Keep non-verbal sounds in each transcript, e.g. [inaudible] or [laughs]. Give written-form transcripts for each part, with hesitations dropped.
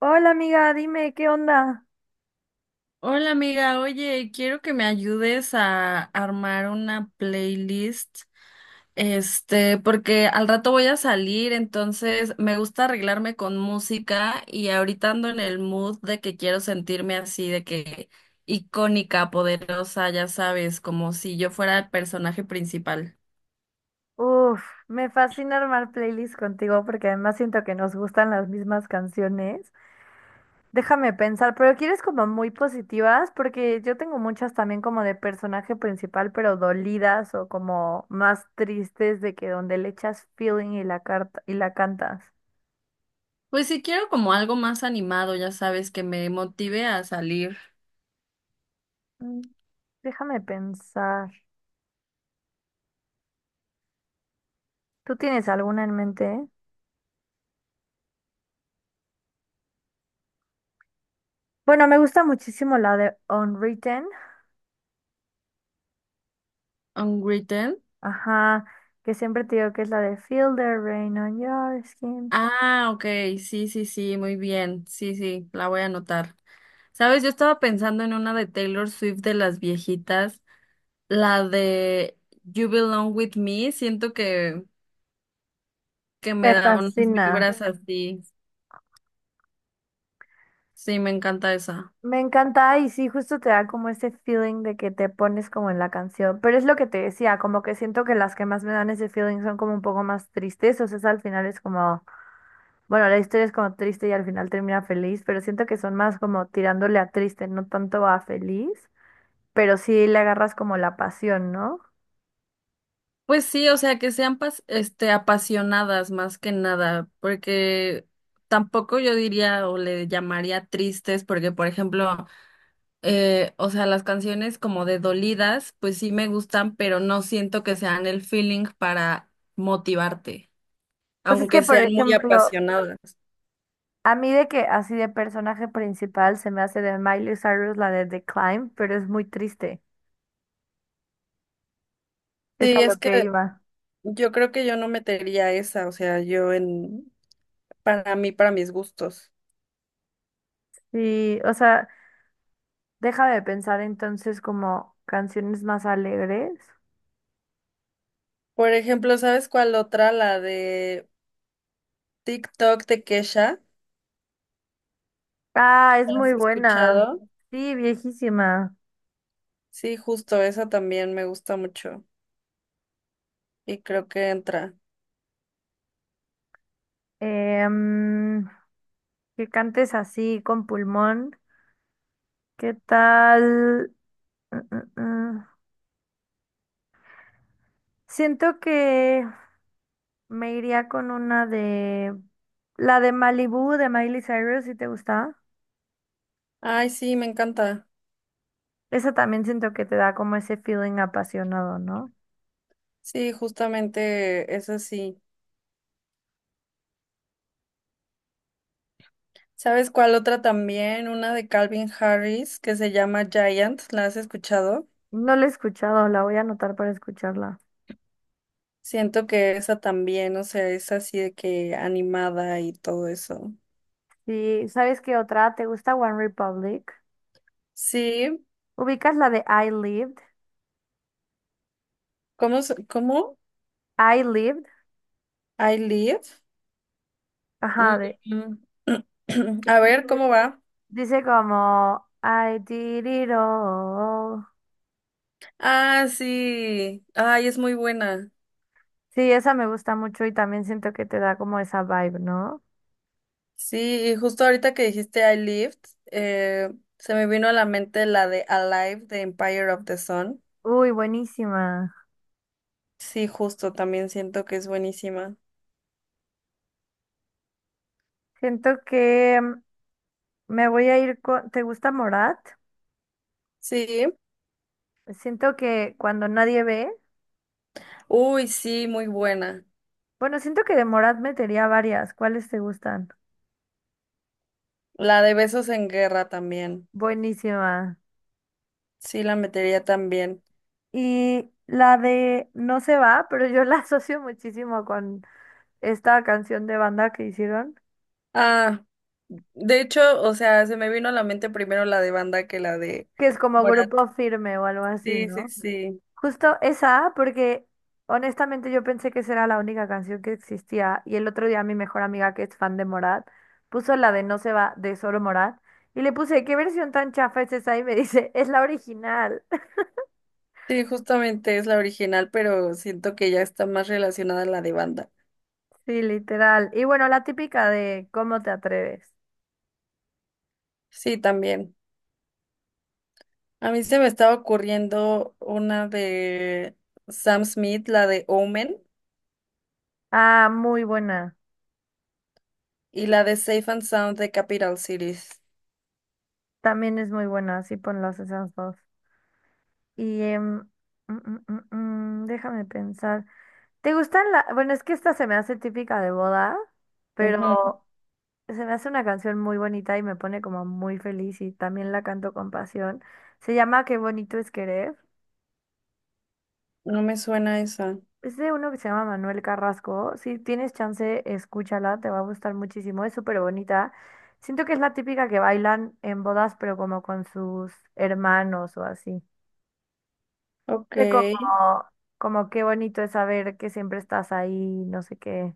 Hola amiga, dime, ¿qué onda? Hola amiga, oye, quiero que me ayudes a armar una playlist, porque al rato voy a salir, entonces me gusta arreglarme con música y ahorita ando en el mood de que quiero sentirme así, de que icónica, poderosa, ya sabes, como si yo fuera el personaje principal. Uf, me fascina armar playlists contigo porque además siento que nos gustan las mismas canciones. Déjame pensar, pero quieres como muy positivas porque yo tengo muchas también como de personaje principal, pero dolidas o como más tristes de que donde le echas feeling y la carta y la cantas. Pues sí quiero como algo más animado, ya sabes, que me motive a salir. Mm, déjame pensar. ¿Tú tienes alguna en mente? Bueno, me gusta muchísimo la de Unwritten. Unwritten. Ajá, que siempre te digo que es la de Feel the Rain on Your Skin. Ah, ok, sí, sí, sí, muy bien, sí, sí, la voy a anotar. Sabes, yo estaba pensando en una de Taylor Swift de las viejitas, la de You Belong With Me, siento que Me me da unas fascina. vibras así, sí, me encanta esa. Me encanta y sí, justo te da como ese feeling de que te pones como en la canción. Pero es lo que te decía, como que siento que las que más me dan ese feeling son como un poco más tristes. O sea, es al final es como, bueno, la historia es como triste y al final termina feliz, pero siento que son más como tirándole a triste, no tanto a feliz. Pero sí le agarras como la pasión, ¿no? Pues sí, o sea, que sean apasionadas más que nada, porque tampoco yo diría o le llamaría tristes, porque por ejemplo... o sea, las canciones como de dolidas, pues sí me gustan, pero no siento que sean el feeling para motivarte, Pues es que, aunque por sean muy ejemplo, apasionadas. a mí de que así de personaje principal se me hace de Miley Cyrus la de The Climb, pero es muy triste. Es a Sí, lo es que que iba. yo creo que yo no metería esa, o sea, para mí, para mis gustos. Sí, o sea, deja de pensar entonces como canciones más alegres. Por ejemplo, ¿sabes cuál otra? La de TikTok de Kesha. Ah, es ¿La ¿Has muy buena. escuchado? Sí, viejísima. Sí, justo esa también me gusta mucho y creo que entra. Em, que cantes así con pulmón. ¿Qué tal? Mm, mm, mm. Siento que me iría con una de... La de Malibu de Miley Cyrus, si te gusta. Ay, sí, me encanta. Esa también siento que te da como ese feeling apasionado, ¿no? Sí, justamente esa sí. ¿Sabes cuál otra también? Una de Calvin Harris que se llama Giant, ¿la has escuchado? No la he escuchado, la voy a anotar para escucharla. Siento que esa también, o sea, es así de que animada y todo eso. Sí, ¿sabes qué otra? ¿Te gusta One Republic? Sí, ¿Ubicas la de I Lived? ¿cómo? ¿Cómo? I Lived, I live. Mm, ajá, de mm. [clears throat] que A ver, dice, ¿cómo va? dice como I did it all. Ah, sí. Ay, es muy buena. Sí, esa me gusta mucho y también siento que te da como esa vibe, ¿no? Sí, y justo ahorita que dijiste I lived, eh, se me vino a la mente la de Alive de Empire of the Sun. Uy, buenísima. Sí, justo, también siento que es buenísima. Siento que mm, me voy a ir con... ¿Te gusta Morat? Sí. Siento que cuando nadie ve. Uy, sí, muy buena. Bueno, siento que de Morat metería varias. ¿Cuáles te gustan? La de Besos en Guerra también. Buenísima. Sí, la metería también. Y la de No se va, pero yo [laughs] la asocio muchísimo con esta canción de banda que hicieron, Ah, de hecho, o sea, se me vino a la mente primero la de Banda que la de que es como Morat. Grupo Firme o algo así, Sí, sí, ¿no? sí. Justo esa, porque honestamente yo pensé que esa era la única canción que existía. Y el otro día mi mejor amiga, que es fan de Morat, puso la de No se va de solo Morat. Y le puse, ¿qué versión tan chafa es esa? Y me [laughs] dice, es la original. Sí, justamente es la original, pero siento que ya está más relacionada a la de Banda. Sí, literal. Y bueno, la típica de ¿Cómo te atreves? Sí, también. A mí se me estaba ocurriendo una de Sam Smith, la de Omen, Ah, muy buena. y la de Safe and Sound de Capital Cities. También es muy buena, así ponlas esas dos. Y mm, mm, mm, déjame pensar. ¿Te gustan la... Bueno, es que esta se me hace típica de boda, Ujú. pero se me hace una canción muy bonita y me pone como muy feliz y también la canto con pasión. Se llama Qué bonito es querer. No me suena esa. Es de uno que se llama Manuel Carrasco. Si tienes chance, escúchala, te va a gustar muchísimo. Es súper bonita. Siento que es la típica que bailan en bodas, pero como con sus hermanos o así. Ok, De como, como qué bonito es saber que siempre estás ahí, no sé qué.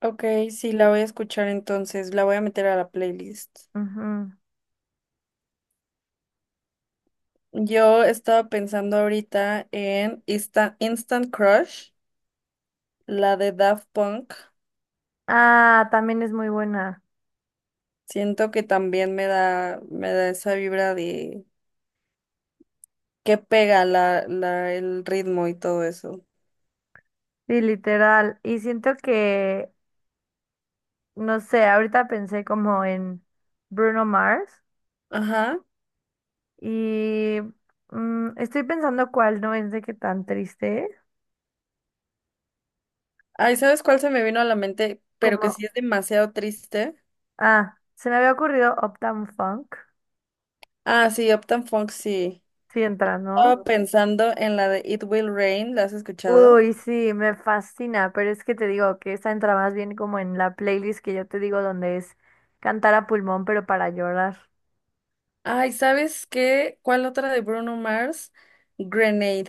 ok, sí, la voy a escuchar entonces, la voy a meter a la playlist. Ujú. Yo estaba pensando ahorita en Instant Crush, la de Daft Punk. Ah, también es muy buena. Siento que también me da esa vibra de que pega el ritmo y todo eso. Sí, literal. Y siento que, no sé, ahorita pensé como en Bruno Mars Ajá. y mm, estoy pensando cuál no es de qué tan triste. Ay, ¿sabes cuál se me vino a la mente? Pero Como, que sí es demasiado triste. ah, se me había ocurrido Uptown Funk. Ah, sí, Uptown Funk, sí. Sí entra, ¿no? Estaba pensando en la de It Will Rain, ¿la has escuchado? Uy, sí, me fascina, pero es que te digo que esa entra más bien como en la playlist que yo te digo donde es cantar a pulmón, pero para llorar. Ay, ¿sabes qué? ¿Cuál otra de Bruno Mars? Grenade.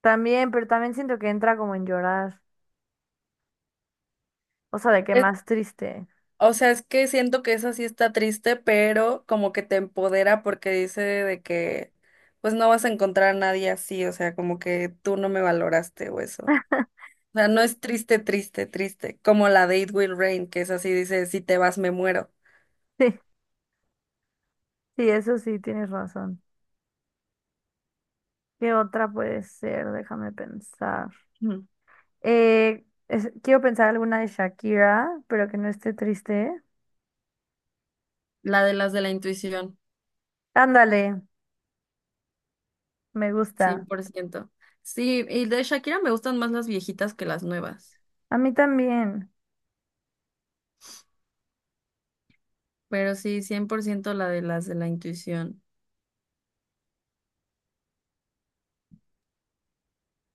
También, pero también siento que entra como en llorar. O sea, de que Es- más triste. o sea, es que siento que esa sí está triste, pero como que te empodera porque dice de que pues no vas a encontrar a nadie así, o sea, como que tú no me valoraste o eso. O sea, Sí, no es [laughs] triste, triste, triste, como la de It Will Rain, que es así, dice, si te vas me muero. sí, sí, eso sí, tienes razón. ¿Qué otra puede ser? Déjame pensar. Ujú. Quiero pensar alguna de Shakira, pero que no esté triste. La de las de la intuición, Ándale, me cien gusta. por ciento. Sí, y de Shakira me gustan más las viejitas que las nuevas. A mí también. Pero sí, 100% la de las de la intuición.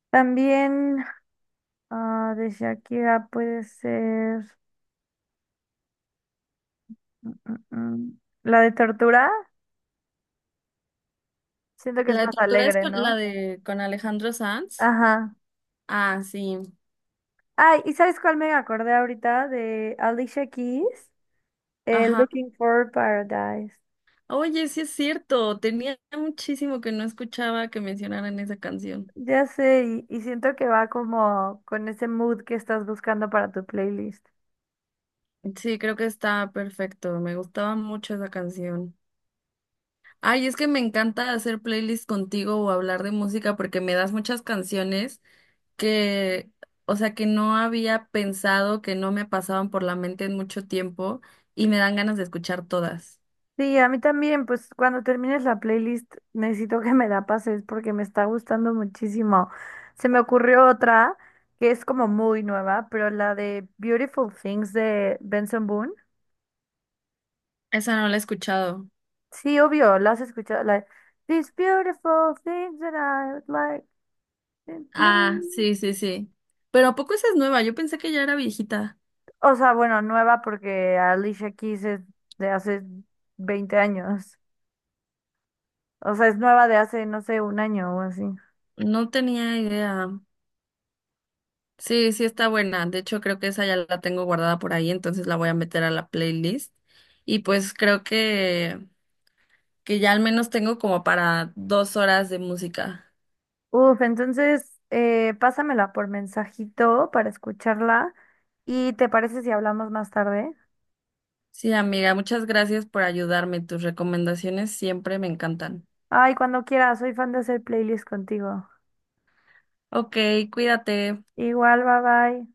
También ah, de Shakira puede ser mm, mm, la de Tortura. Siento que es La de más tortura es alegre, la ¿no? de con Alejandro Sanz. Ajá. Ah, sí. Ay, ¿y sabes cuál me acordé ahorita? De Alicia Keys, Ajá. Looking for Paradise. Oye, sí es cierto. Tenía muchísimo que no escuchaba que mencionaran esa canción. Ya sé, y, siento que va como con ese mood que estás buscando para tu playlist. Sí, creo que está perfecto. Me gustaba mucho esa canción. Ay, es que me encanta hacer playlists contigo o hablar de música porque me das muchas canciones que, o sea, que no había pensado, que no me pasaban por la mente en mucho tiempo y me dan ganas de escuchar todas. Sí, a mí también, pues cuando termines la playlist necesito que me la pases porque me está gustando muchísimo. Se me ocurrió otra que es como muy nueva, pero la de Beautiful Things de Benson Boone. Esa no la he escuchado. Sí, obvio, la has escuchado, la de These Beautiful Things that I would like to Ah, please. sí, sí, sí. Pero ¿a poco esa es nueva? Yo pensé que ya era viejita. O sea, bueno, nueva porque Alicia Keys es de hace 20 años. O sea, es nueva de hace, no sé, un año o así. No tenía idea. Sí, sí está buena. De hecho, creo que esa ya la tengo guardada por ahí, entonces la voy a meter a la playlist. Y pues creo que ya al menos tengo como para 2 horas de música. Uf, entonces pásamela por mensajito para escucharla. ¿Y te parece si hablamos más tarde? Sí, amiga, muchas gracias por ayudarme. Tus recomendaciones siempre me encantan. Ay, cuando quieras, soy fan de hacer playlists contigo. Ok, cuídate. Igual, bye bye.